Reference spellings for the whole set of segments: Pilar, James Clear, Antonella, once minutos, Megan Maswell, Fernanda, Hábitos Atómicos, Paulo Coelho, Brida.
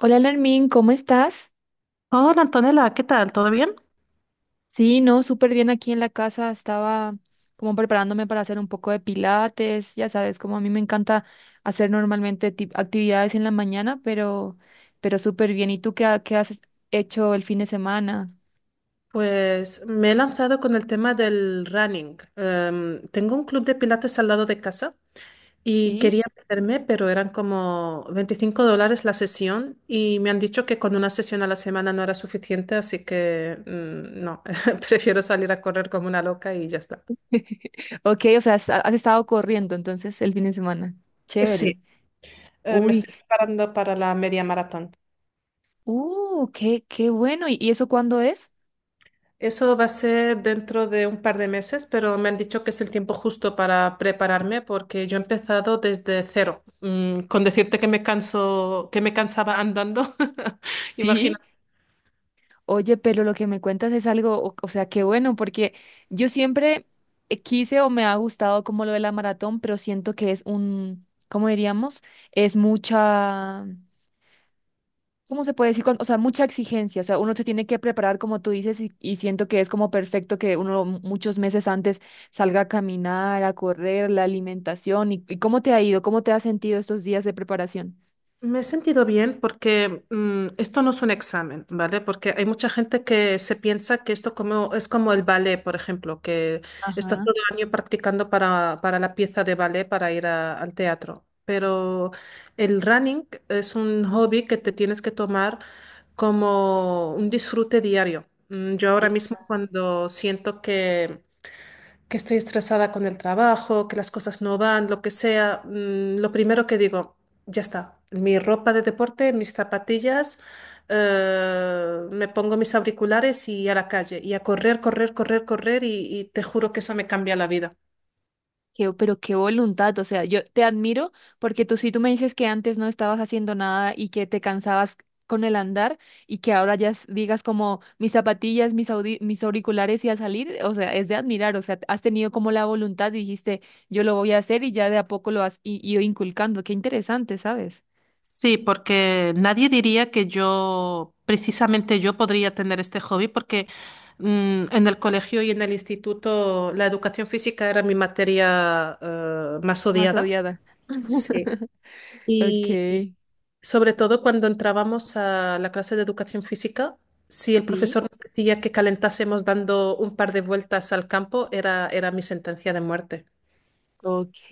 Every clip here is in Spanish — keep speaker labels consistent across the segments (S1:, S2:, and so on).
S1: Hola, Lermín, ¿cómo estás?
S2: Hola Antonella, ¿qué tal? ¿Todo bien?
S1: Sí, no, súper bien aquí en la casa. Estaba como preparándome para hacer un poco de pilates. Ya sabes, como a mí me encanta hacer normalmente actividades en la mañana, pero súper bien. ¿Y tú qué, qué has hecho el fin de semana?
S2: Pues me he lanzado con el tema del running. Tengo un club de pilates al lado de casa y
S1: Sí.
S2: quería meterme, pero eran como 25 dólares la sesión y me han dicho que con una sesión a la semana no era suficiente, así que mm, no, prefiero salir a correr como una loca y ya está.
S1: Ok, o sea, has estado corriendo entonces el fin de semana.
S2: Sí.
S1: Chévere.
S2: Me
S1: Uy,
S2: estoy preparando para la media maratón.
S1: qué bueno. ¿Y eso cuándo es?
S2: Eso va a ser dentro de un par de meses, pero me han dicho que es el tiempo justo para prepararme porque yo he empezado desde cero. Con decirte que me canso, que me cansaba andando, imagina.
S1: Sí. Oye, pero lo que me cuentas es algo, o sea, qué bueno, porque yo siempre quise o me ha gustado como lo de la maratón, pero siento que es un, ¿cómo diríamos? Es mucha, ¿cómo se puede decir? O sea, mucha exigencia, o sea, uno se tiene que preparar como tú dices y siento que es como perfecto que uno muchos meses antes salga a caminar, a correr, la alimentación y ¿cómo te ha ido? ¿Cómo te has sentido estos días de preparación?
S2: Me he sentido bien porque esto no es un examen, ¿vale? Porque hay mucha gente que se piensa que esto es como el ballet, por ejemplo, que estás
S1: Ajá.
S2: todo el año practicando para la pieza de ballet para ir al teatro. Pero el running es un hobby que te tienes que tomar como un disfrute diario. Yo ahora mismo cuando siento que estoy estresada con el trabajo, que las cosas no van, lo que sea, lo primero que digo, ya está, mi ropa de deporte, mis zapatillas, me pongo mis auriculares y a la calle y a correr, correr, correr, correr y te juro que eso me cambia la vida.
S1: Pero qué voluntad, o sea, yo te admiro porque tú sí tú me dices que antes no estabas haciendo nada y que te cansabas con el andar y que ahora ya digas como mis zapatillas, mis auriculares y a salir, o sea, es de admirar, o sea, has tenido como la voluntad y dijiste, yo lo voy a hacer y ya de a poco lo has ido inculcando, qué interesante, ¿sabes?
S2: Sí, porque nadie diría que yo, precisamente yo podría tener este hobby porque en el colegio y en el instituto la educación física era mi materia más
S1: Más
S2: odiada.
S1: odiada.
S2: Sí.
S1: Ok,
S2: Y sobre todo cuando entrábamos a la clase de educación física, si el
S1: sí.
S2: profesor nos decía que calentásemos dando un par de vueltas al campo, era mi sentencia de muerte.
S1: Ok,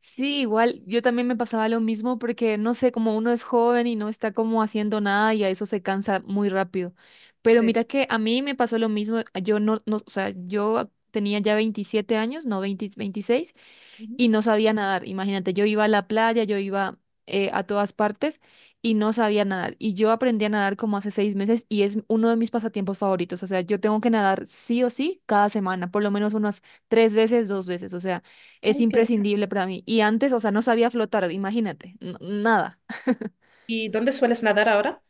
S1: sí, igual yo también me pasaba lo mismo porque no sé, como uno es joven y no está como haciendo nada y a eso se cansa muy rápido. Pero
S2: Sí.
S1: mira que a mí me pasó lo mismo, yo no, no, o sea, yo tenía ya 27 años, no 20, 26
S2: Ujú.
S1: y no sabía nadar. Imagínate, yo iba a la playa, yo iba a todas partes y no sabía nadar. Y yo aprendí a nadar como hace 6 meses y es uno de mis pasatiempos favoritos. O sea, yo tengo que nadar sí o sí cada semana, por lo menos unas 3 veces, 2 veces. O sea, es
S2: Ay, qué bien.
S1: imprescindible para mí. Y antes, o sea, no sabía flotar, imagínate, nada.
S2: ¿Y dónde sueles nadar ahora?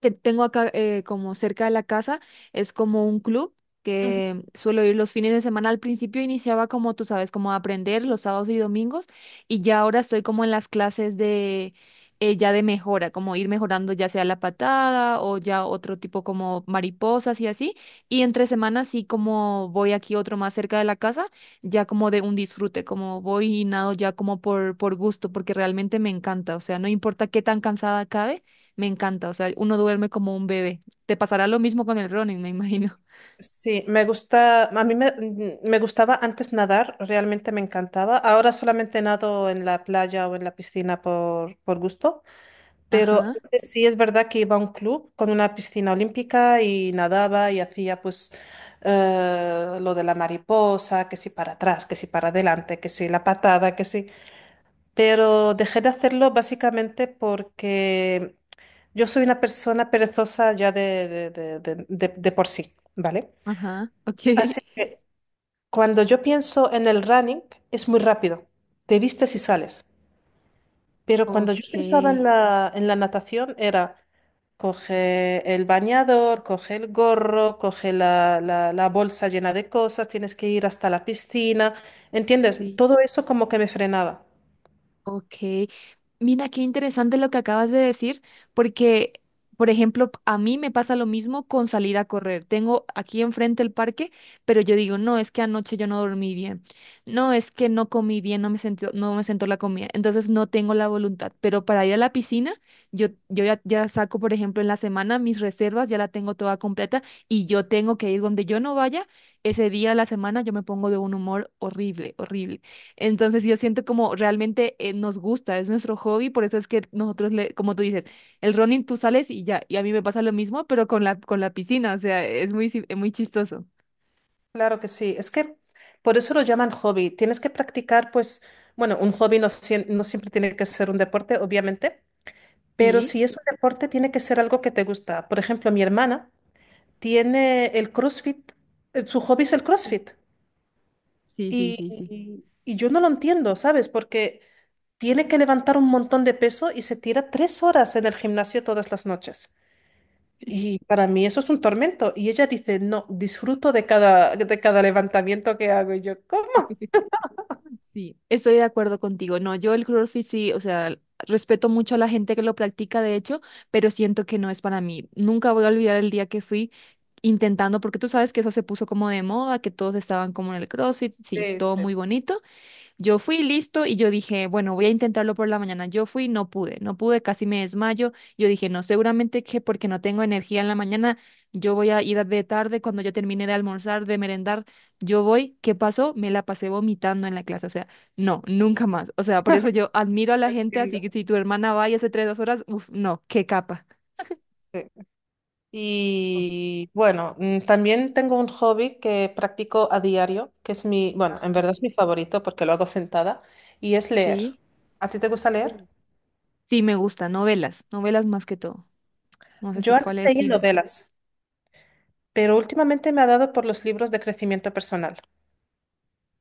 S1: Que tengo acá como cerca de la casa es como un club que suelo ir los fines de semana. Al principio iniciaba como tú sabes, como a aprender los sábados y domingos y ya ahora estoy como en las clases de ya de mejora, como ir mejorando ya sea la patada o ya otro tipo como mariposas y así. Y entre semanas sí como voy aquí otro más cerca de la casa, ya como de un disfrute, como voy y nado ya como por gusto, porque realmente me encanta, o sea, no importa qué tan cansada acabe. Me encanta, o sea, uno duerme como un bebé. Te pasará lo mismo con el running, me imagino.
S2: Sí, me gusta, a mí me gustaba antes nadar, realmente me encantaba. Ahora solamente nado en la playa o en la piscina por gusto, pero
S1: Ajá,
S2: antes sí es verdad que iba a un club con una piscina olímpica y nadaba y hacía pues lo de la mariposa, que si para atrás, que si para adelante, que si la patada, que si. Pero dejé de hacerlo básicamente porque yo soy una persona perezosa ya de por sí, ¿vale?
S1: ajá, ok.
S2: Así que cuando yo pienso en el running, es muy rápido, te vistes y sales. Pero cuando yo
S1: Ok,
S2: pensaba en la natación, era coge el bañador, coge el gorro, coge la bolsa llena de cosas, tienes que ir hasta la piscina, ¿entiendes?
S1: sí.
S2: Todo eso como que me frenaba.
S1: Ok, mira qué interesante lo que acabas de decir, porque, por ejemplo, a mí me pasa lo mismo con salir a correr. Tengo aquí enfrente el parque, pero yo digo, no, es que anoche yo no dormí bien, no, es que no comí bien, no me sentó la comida, entonces no tengo la voluntad. Pero para ir a la piscina, yo, yo ya saco, por ejemplo, en la semana mis reservas, ya la tengo toda completa y yo tengo que ir donde yo no vaya, ese día de la semana yo me pongo de un humor horrible, horrible. Entonces yo siento como realmente nos gusta, es nuestro hobby, por eso es que nosotros, le, como tú dices, el running tú sales y ya, y a mí me pasa lo mismo, pero con la piscina, o sea, es muy, es muy chistoso.
S2: Claro que sí, es que por eso lo llaman hobby. Tienes que practicar, pues, bueno, un hobby no, no siempre tiene que ser un deporte, obviamente, pero
S1: Sí,
S2: si es un deporte, tiene que ser algo que te gusta. Por ejemplo, mi hermana tiene el CrossFit, su hobby es el
S1: u-
S2: CrossFit.
S1: sí, sí,
S2: Y,
S1: sí, sí.
S2: y yo no lo entiendo, ¿sabes? Porque tiene que levantar un montón de peso y se tira 3 horas en el gimnasio todas las noches. Y para mí eso es un tormento. Y ella dice, no, disfruto de cada levantamiento que hago. Y yo, ¿cómo
S1: Sí, estoy de acuerdo contigo. No, yo el CrossFit sí, o sea, respeto mucho a la gente que lo practica, de hecho, pero siento que no es para mí. Nunca voy a olvidar el día que fui intentando, porque tú sabes que eso se puso como de moda, que todos estaban como en el CrossFit, sí, es todo muy
S2: dices?
S1: bonito. Yo fui listo y yo dije, bueno, voy a intentarlo por la mañana. Yo fui, no pude, no pude, casi me desmayo. Yo dije, no, seguramente que porque no tengo energía en la mañana, yo voy a ir de tarde cuando yo termine de almorzar, de merendar, yo voy. ¿Qué pasó? Me la pasé vomitando en la clase. O sea, no, nunca más. O sea, por eso yo admiro a la gente, así
S2: Entiendo.
S1: que si tu hermana va y hace tres, 2 horas, uff, no, qué capa.
S2: Sí. Y bueno, también tengo un hobby que practico a diario, que es mi, bueno, en verdad es mi favorito porque lo hago sentada, y es leer.
S1: Sí,
S2: ¿A ti te gusta leer?
S1: Mm. Sí, me gusta, novelas, novelas más que todo. No sé si
S2: Yo antes
S1: cuál es el
S2: leía
S1: estilo.
S2: novelas, pero últimamente me ha dado por los libros de crecimiento personal.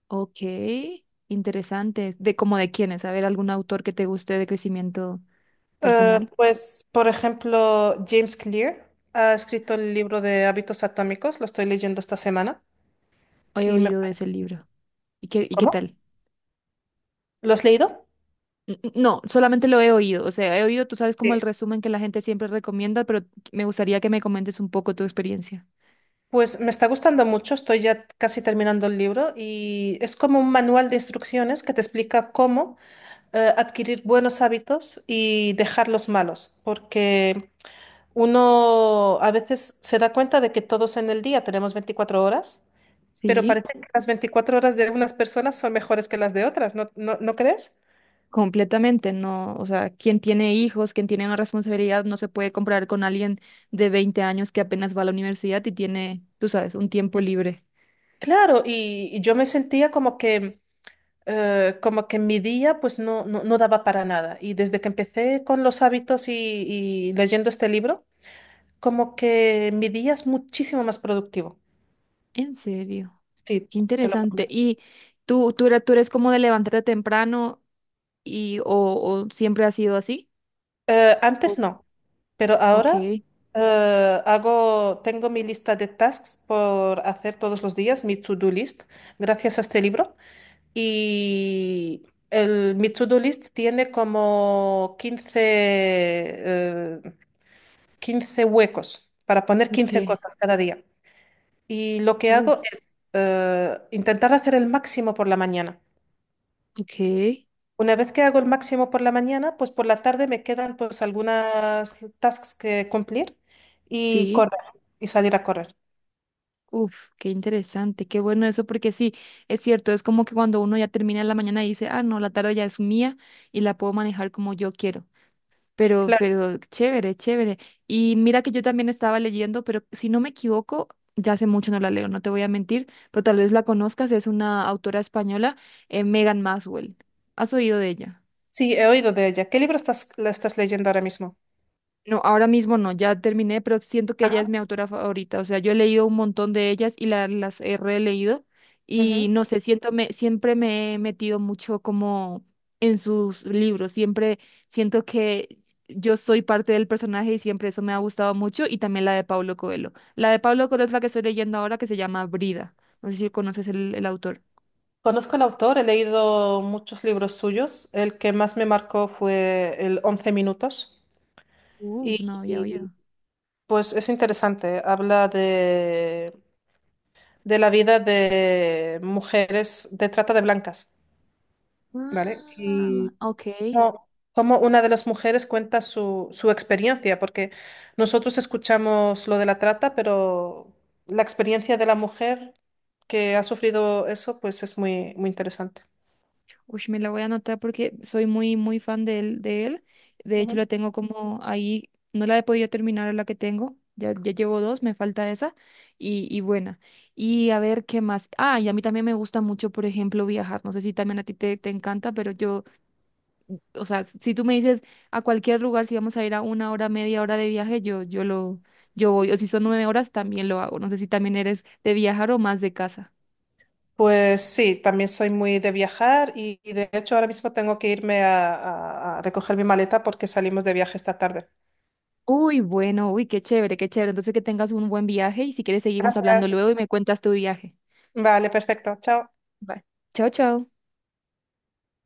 S1: Ok, interesante. ¿De cómo de quiénes? A ver, algún autor que te guste de crecimiento
S2: Eh,
S1: personal.
S2: pues, por ejemplo, James Clear ha escrito el libro de Hábitos Atómicos, lo estoy leyendo esta semana
S1: He
S2: y me.
S1: oído de ese libro. ¿Y qué
S2: ¿Cómo?
S1: tal?
S2: ¿Lo has leído?
S1: No, solamente lo he oído. O sea, he oído, tú sabes, como
S2: Sí.
S1: el resumen que la gente siempre recomienda, pero me gustaría que me comentes un poco tu experiencia.
S2: Pues me está gustando mucho, estoy ya casi terminando el libro y es como un manual de instrucciones que te explica cómo adquirir buenos hábitos y dejar los malos, porque uno a veces se da cuenta de que todos en el día tenemos 24 horas, pero
S1: Sí,
S2: parece que las 24 horas de unas personas son mejores que las de otras, ¿no crees?
S1: completamente, no, o sea, quien tiene hijos, quien tiene una responsabilidad, no se puede comparar con alguien de 20 años que apenas va a la universidad y tiene, tú sabes, un tiempo libre.
S2: Claro, y yo me sentía como que mi día pues no daba para nada. Y desde que empecé con los hábitos y leyendo este libro, como que mi día es muchísimo más productivo.
S1: En serio.
S2: Sí,
S1: Qué
S2: te lo
S1: interesante.
S2: prometo.
S1: ¿Y tú eres como de levantarte temprano y o siempre ha sido así?
S2: Antes
S1: O-
S2: no. Pero
S1: ok,
S2: ahora hago, tengo mi lista de tasks por hacer todos los días, mi to-do list, gracias a este libro. Y el, mi to-do list tiene como 15 15 huecos para poner
S1: ok,
S2: 15 cosas cada día. Y lo que hago
S1: uf,
S2: es intentar hacer el máximo por la mañana.
S1: ok,
S2: Una vez que hago el máximo por la mañana, pues por la tarde me quedan pues algunas tasks que cumplir y
S1: sí,
S2: correr y salir a correr.
S1: uf, qué interesante, qué bueno eso, porque sí, es cierto, es como que cuando uno ya termina en la mañana y dice, ah, no, la tarde ya es mía y la puedo manejar como yo quiero. Pero,
S2: Claro,
S1: pero chévere, chévere. Y mira que yo también estaba leyendo, pero si no me equivoco, ya hace mucho no la leo, no te voy a mentir, pero tal vez la conozcas, es una autora española, Megan Maswell. ¿Has oído de ella?
S2: sí, he oído de ella. ¿Qué libro la estás leyendo ahora mismo?
S1: No, ahora mismo no, ya terminé, pero siento que ella es
S2: Ajá.
S1: mi autora favorita. O sea, yo he leído un montón de ellas y las he releído y
S2: Ujú.
S1: no sé, siento me, siempre me he metido mucho como en sus libros. Siempre siento que yo soy parte del personaje y siempre eso me ha gustado mucho y también la de Paulo Coelho. La de Paulo Coelho es la que estoy leyendo ahora que se llama Brida. No sé si conoces el autor.
S2: Conozco al autor, he leído muchos libros suyos. El que más me marcó fue el 11 minutos
S1: Uf,
S2: y
S1: no había oído.
S2: y, pues es interesante. Habla de la vida de mujeres de trata de blancas, ¿vale?
S1: Ah,
S2: Y
S1: ok.
S2: como cómo una de las mujeres cuenta su experiencia, porque nosotros escuchamos lo de la trata, pero la experiencia de la mujer que ha sufrido eso, pues es muy, muy interesante.
S1: Uy, me la voy a anotar porque soy muy, muy fan de él, de él. De hecho, la
S2: Ujú.
S1: tengo como ahí, no la he podido terminar la que tengo. Ya, ya llevo dos, me falta esa y buena. Y a ver qué más. Ah, y a mí también me gusta mucho, por ejemplo, viajar. No sé si también a ti te encanta, pero yo, o sea, si tú me dices a cualquier lugar, si vamos a ir a 1 hora, media hora de viaje, yo voy. O si son 9 horas, también lo hago. No sé si también eres de viajar o más de casa.
S2: Pues sí, también soy muy de viajar y de hecho ahora mismo tengo que irme a, a recoger mi maleta porque salimos de viaje esta tarde.
S1: Uy, bueno, uy, qué chévere, qué chévere. Entonces que tengas un buen viaje y si quieres seguimos hablando
S2: Gracias.
S1: luego y me cuentas tu viaje.
S2: Vale, perfecto. Chao.
S1: Bye. Chao, chao.